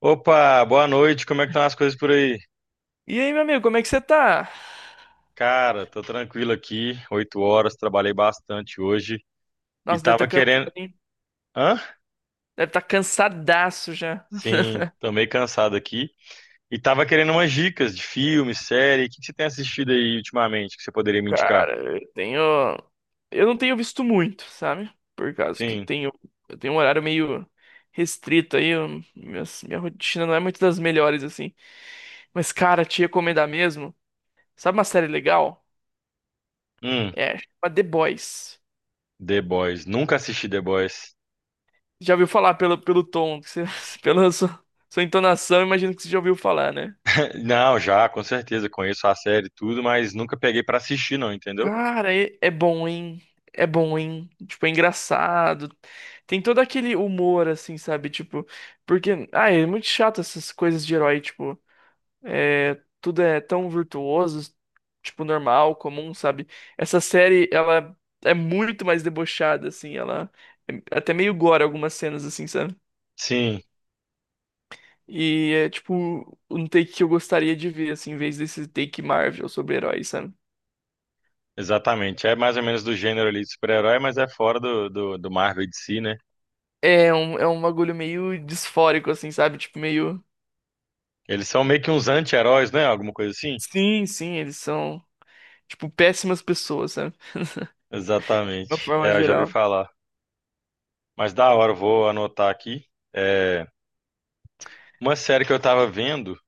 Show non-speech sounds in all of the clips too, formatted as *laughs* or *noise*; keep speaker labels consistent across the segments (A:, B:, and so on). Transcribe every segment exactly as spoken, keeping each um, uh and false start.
A: Opa, boa noite. Como é que estão as coisas por aí?
B: E aí, meu amigo, como é que você tá?
A: Cara, tô tranquilo aqui. Oito horas, trabalhei bastante hoje e
B: Nossa, deve estar
A: tava
B: cansado,
A: querendo.
B: hein?
A: Hã?
B: Deve estar cansadaço já. *laughs*
A: Sim, tô meio cansado aqui. E tava querendo umas dicas de filme, série. O que que você tem assistido aí ultimamente que você poderia me indicar?
B: Cara, eu tenho. Eu não tenho visto muito, sabe? Por causa que eu
A: Sim.
B: tenho. Eu tenho um horário meio restrito aí. eu- minhas- Minha, rotina não é muito das melhores, assim. Mas, cara, te recomendar mesmo. Sabe uma série legal?
A: Hum,
B: É, chama The Boys.
A: The Boys. Nunca assisti The Boys.
B: Já ouviu falar pelo, pelo tom, que você- *laughs*
A: *laughs*
B: pela sua, sua entonação, imagino que você já ouviu falar, né?
A: Não, já, com certeza. Conheço a série e tudo, mas nunca peguei pra assistir, não, entendeu?
B: Cara, é, é bom, hein? É bom, hein? Tipo, é engraçado. Tem todo aquele humor, assim, sabe? Tipo, porque, ah, é muito chato essas coisas de herói, tipo, é, tudo é tão virtuoso, tipo, normal, comum, sabe? Essa série, ela é muito mais debochada, assim, ela é até meio gore algumas cenas, assim, sabe?
A: Sim,
B: E é, tipo, um take que eu gostaria de ver, assim, em vez desse take Marvel sobre heróis, sabe?
A: exatamente. É mais ou menos do gênero ali de super-herói, mas é fora do, do, do Marvel de si, né?
B: É um, é um bagulho meio disfórico, assim, sabe? Tipo, meio.
A: Eles são meio que uns anti-heróis, né? Alguma coisa assim?
B: Sim, sim, eles são, tipo, péssimas pessoas, sabe? De uma
A: Exatamente.
B: forma
A: É, eu já vi
B: geral.
A: falar. Mas da hora, eu vou anotar aqui. É, uma série que eu tava vendo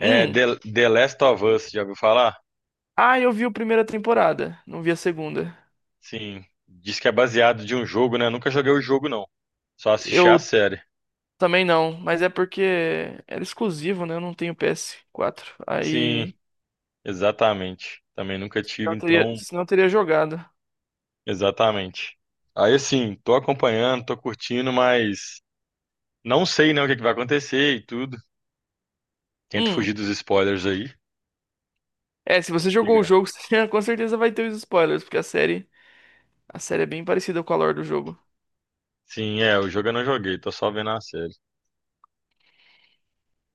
A: é The, The Last of Us, já ouviu falar?
B: Ah, eu vi a primeira temporada, não vi a segunda.
A: Sim. Diz que é baseado de um jogo, né? Nunca joguei o jogo, não. Só assisti a
B: Eu
A: série.
B: também não, mas é porque era exclusivo, né? Eu não tenho P S quatro
A: Sim,
B: aí.
A: exatamente. Também nunca tive,
B: Não teria,
A: então,
B: senão eu teria jogado.
A: exatamente. Aí, assim, tô acompanhando, tô curtindo, mas não sei, né, o que é que vai acontecer e tudo. Tento
B: Hum.
A: fugir dos spoilers aí.
B: É, se você jogou o
A: Diga.
B: jogo, *laughs* você com certeza vai ter os spoilers, porque a série, a série é bem parecida com a lore do jogo.
A: Sim, é, o jogo eu não joguei, tô só vendo a série.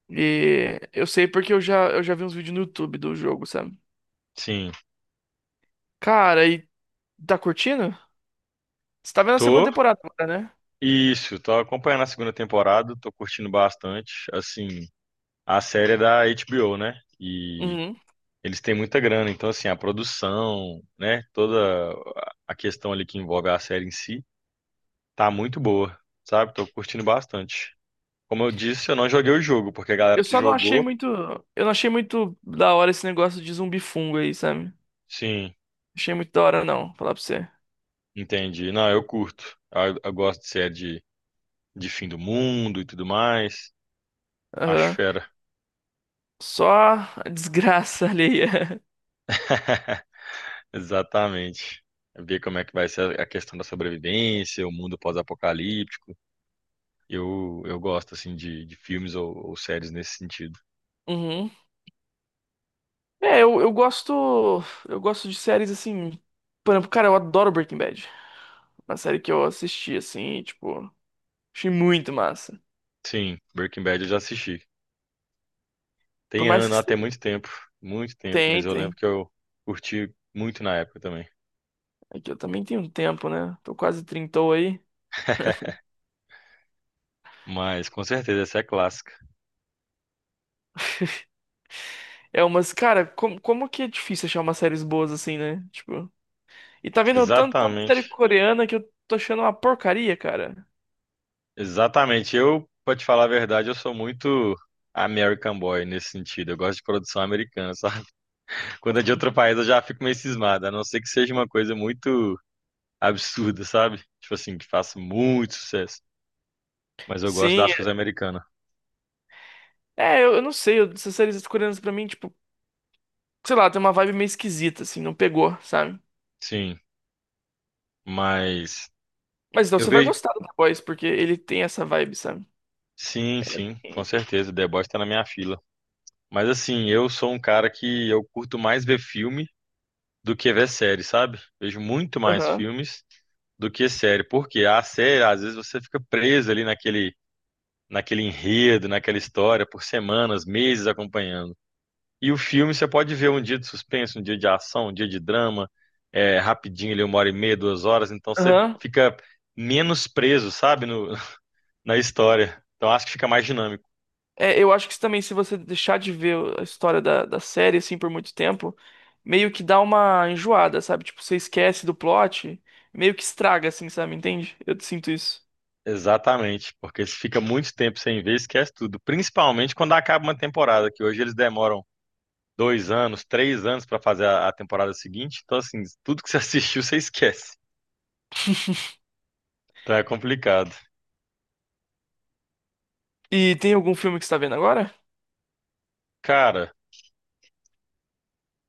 B: E eu sei porque eu já, eu já vi uns vídeos no YouTube do jogo, sabe?
A: Sim,
B: Cara, e tá curtindo? Você tá vendo a segunda
A: tô.
B: temporada agora, né?
A: Isso, tô acompanhando a segunda temporada, tô curtindo bastante. Assim, a série é da agá bê ó, né? E
B: Uhum.
A: eles têm muita grana, então assim, a produção, né, toda a questão ali que envolve a série em si, tá muito boa, sabe? Tô curtindo bastante. Como eu disse, eu não joguei o jogo, porque a galera
B: Eu
A: que
B: só não achei
A: jogou,
B: muito. Eu não achei muito da hora esse negócio de zumbi fungo aí, sabe? Não
A: sim,
B: achei muito da hora, não, falar pra você.
A: entendi. Não, eu curto. Eu, eu gosto de série de, de, fim do mundo e tudo mais. Acho
B: Aham.
A: fera.
B: Só a desgraça *laughs* alheia.
A: *laughs* Exatamente. Ver como é que vai ser a questão da sobrevivência, o mundo pós-apocalíptico. Eu, eu gosto, assim, de, de, filmes ou, ou séries nesse sentido.
B: Uhum. É, eu, eu gosto. Eu gosto de séries assim. Por exemplo, cara, eu adoro Breaking Bad. Uma série que eu assisti, assim, tipo, achei muito massa.
A: Sim, Breaking Bad eu já assisti.
B: Por
A: Tem
B: mais que
A: ano, até
B: você
A: muito tempo, muito tempo, mas eu lembro
B: tentem.
A: que eu curti muito na época também.
B: É que eu também tenho um tempo, né? Tô quase trintou aí.
A: *laughs* Mas, com certeza, essa é clássica.
B: É umas, cara, como, como que é difícil achar umas séries boas assim, né? Tipo. E tá vendo tanto, tanta série
A: Exatamente,
B: coreana que eu tô achando uma porcaria, cara.
A: exatamente. Eu, pra te falar a verdade, eu sou muito American Boy nesse sentido. Eu gosto de produção americana, *laughs* sabe? Quando é de outro país, eu já fico meio cismado, a não ser que seja uma coisa muito absurda, sabe? Tipo assim, que faça muito sucesso. Mas eu gosto
B: Sim,
A: das coisas americanas.
B: é, é, eu, eu não sei, eu- essas séries coreanas pra mim, tipo, sei lá, tem uma vibe meio esquisita, assim, não pegou, sabe?
A: Sim, mas
B: Mas então
A: eu
B: você vai
A: vejo.
B: gostar do The Boys, porque ele tem essa vibe, sabe?
A: Sim, sim, com certeza. The Boys tá na minha fila. Mas assim, eu sou um cara que eu curto mais ver filme do que ver série, sabe? Vejo muito mais
B: Aham,
A: filmes do que série. Porque a série, às vezes, você fica preso ali naquele, naquele enredo, naquela história por semanas, meses acompanhando. E o filme você pode ver um dia de suspense, um dia de ação, um dia de drama, é, rapidinho ali, uma hora e meia, duas horas, então você
B: aham.
A: fica menos preso, sabe, no- *laughs* na história. Então acho que fica mais dinâmico.
B: É, eu acho que também, se você deixar de ver a história da, da série, assim, por muito tempo, meio que dá uma enjoada, sabe? Tipo, você esquece do plot, meio que estraga, assim, sabe? Entende? Eu sinto isso.
A: Exatamente, porque se fica muito tempo sem ver, esquece tudo. Principalmente quando acaba uma temporada, que hoje eles demoram dois anos, três anos para fazer a, a temporada seguinte. Então, assim, tudo que você *laughs* assistiu, você esquece. Então é complicado.
B: E tem algum filme que você tá vendo agora?
A: Cara,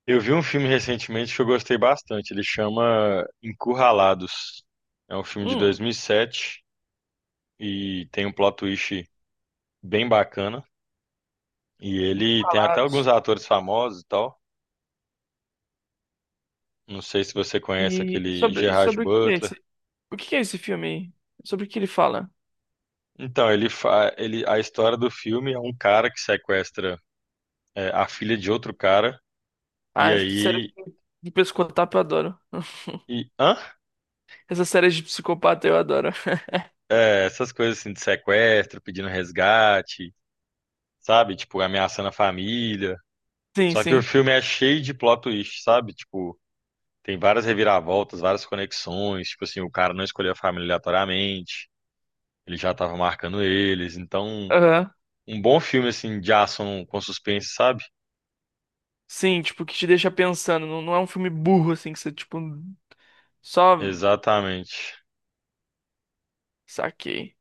A: eu vi um filme recentemente que eu gostei bastante. Ele chama Encurralados. É um filme de
B: Hum,
A: dois mil e sete e sete e tem um plot twist bem bacana. E ele tem até alguns
B: Encurralados.
A: atores famosos e tal. Não sei se você conhece
B: E, e
A: aquele
B: sobre, e
A: Gerard
B: sobre o que é
A: Butler.
B: esse? O que é esse filme aí? Sobre o que ele fala?
A: Então, ele, fa- ele a história do filme é um cara que sequestra é, a filha de outro cara e
B: Ah, série
A: aí
B: de pescotapo eu adoro. *laughs*
A: e hã?
B: Essa série de psicopata eu adoro. *laughs*
A: É, essas coisas assim de sequestro, pedindo resgate, sabe? Tipo, ameaçando a família.
B: Sim,
A: Só que o
B: sim.
A: filme é cheio de plot twist, sabe? Tipo, tem várias reviravoltas, várias conexões. Tipo assim, o cara não escolheu a família aleatoriamente, ele já tava marcando eles. Então,
B: Aham.
A: um bom filme, assim, de ação com suspense, sabe?
B: Sim, tipo, que te deixa pensando. Não, não é um filme burro, assim, que você, tipo, só
A: Exatamente.
B: saquei.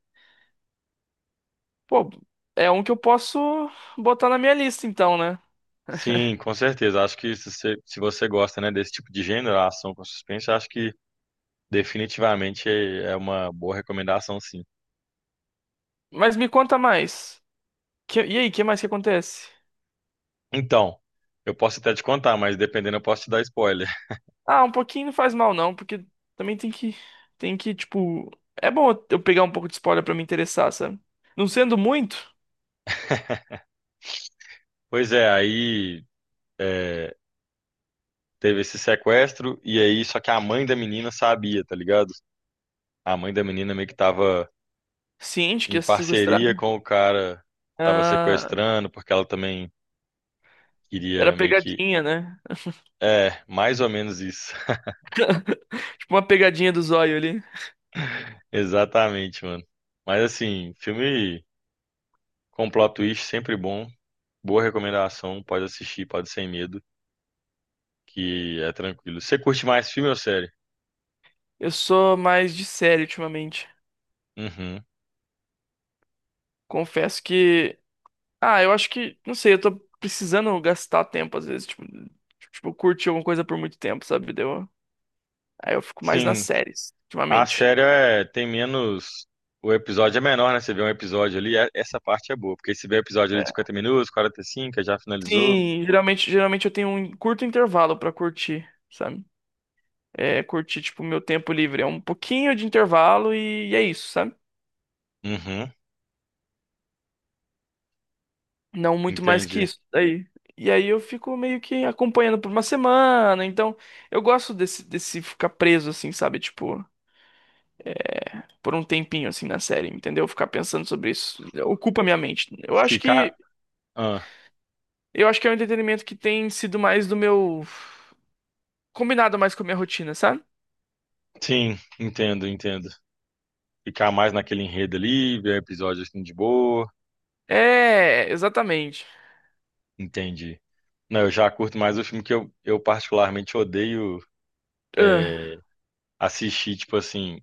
B: Pô, é um que eu posso botar na minha lista, então, né?
A: Sim, com certeza. Acho que se você, se você gosta, né, desse tipo de gênero, ação com suspense, acho que definitivamente é é uma boa recomendação, sim.
B: Mas me conta mais. Que- e aí, o que mais que acontece?
A: Então, eu posso até te contar, mas dependendo, eu posso te dar spoiler.
B: Ah, um pouquinho não faz mal, não, porque também tem que, tem que, tipo. É bom eu pegar um pouco de spoiler pra me interessar, sabe? Não sendo muito
A: *laughs* Pois é, aí. É, teve esse sequestro, e aí, só que a mãe da menina sabia, tá ligado? A mãe da menina meio que tava
B: ciente que
A: em
B: ia ser
A: parceria
B: sequestrada.
A: com o cara, que tava
B: Ah,
A: sequestrando, porque ela também
B: era
A: queria meio que.
B: pegadinha, né?
A: É, mais ou menos isso. *laughs*
B: Uma pegadinha do zóio ali.
A: Exatamente, mano. Mas assim, filme com plot twist sempre bom, boa recomendação, pode assistir, pode sem medo, que é tranquilo. Você curte mais filme ou série?
B: Eu sou mais de série ultimamente.
A: Uhum.
B: Confesso que. Ah, eu acho que. Não sei, eu tô precisando gastar tempo às vezes. Tipo, tipo curtir alguma coisa por muito tempo, sabe? Deu. Aí eu fico mais nas
A: Sim,
B: séries,
A: a
B: ultimamente.
A: série é, tem menos. O episódio é menor, né? Você vê um episódio ali, é- essa parte é boa. Porque se vê episódio ali de
B: É.
A: cinquenta minutos, quarenta e cinco, já finalizou.
B: Sim, geralmente, geralmente eu tenho um curto intervalo pra curtir, sabe? É curtir, tipo, meu tempo livre. É um pouquinho de intervalo e, e é isso, sabe?
A: Uhum,
B: Não muito mais que
A: entendi.
B: isso daí. E aí eu fico meio que acompanhando por uma semana. Então, eu gosto desse, desse, ficar preso, assim, sabe? Tipo, por um tempinho, assim, na série, entendeu? Ficar pensando sobre isso. Ocupa minha mente. Eu acho que,
A: Ficar. Ah,
B: eu acho que é um entretenimento que tem sido mais do meu. Combinado mais com a minha rotina, sabe?
A: sim, entendo, entendo. Ficar mais naquele enredo ali, ver episódio assim de boa.
B: É, exatamente.
A: Entendi. Não, eu já curto mais o filme que eu, eu particularmente odeio
B: Ah,
A: assistir, tipo assim,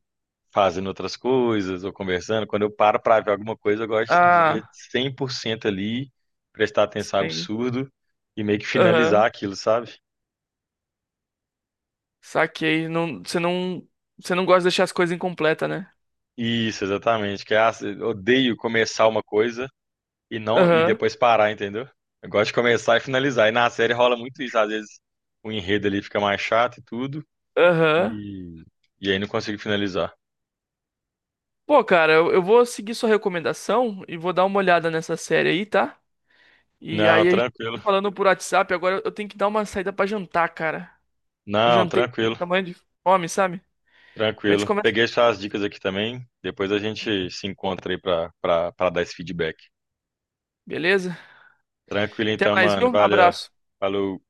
A: fazendo outras coisas ou conversando. Quando eu paro para ver alguma coisa, eu gosto de ver
B: ah,
A: cem por cento ali, prestar atenção
B: sim.
A: absurdo e meio que
B: Aham.
A: finalizar aquilo, sabe?
B: Saquei. Não, você não, você não gosta de deixar as coisas incompletas, né?
A: Isso, exatamente. Que é, ah, eu odeio começar uma coisa e não e
B: Aham.
A: depois parar, entendeu? Eu gosto de começar e finalizar. E na série rola muito isso, às vezes o enredo ali fica mais chato e tudo,
B: Aham.
A: e, e aí não consigo finalizar.
B: Pô, cara, eu, eu vou seguir sua recomendação e vou dar uma olhada nessa série aí, tá? E
A: Não,
B: aí, a gente
A: tranquilo.
B: tá falando por WhatsApp, agora eu tenho que dar uma saída pra jantar, cara. Um
A: Não,
B: jantei com
A: tranquilo.
B: tamanho de fome, sabe? Mas a gente
A: Tranquilo.
B: começa.
A: Peguei suas dicas aqui também. Depois a gente se encontra aí pra, pra, pra, dar esse feedback.
B: Beleza?
A: Tranquilo
B: Até
A: então,
B: mais,
A: mano.
B: viu?
A: Valeu.
B: Abraço.
A: Falou.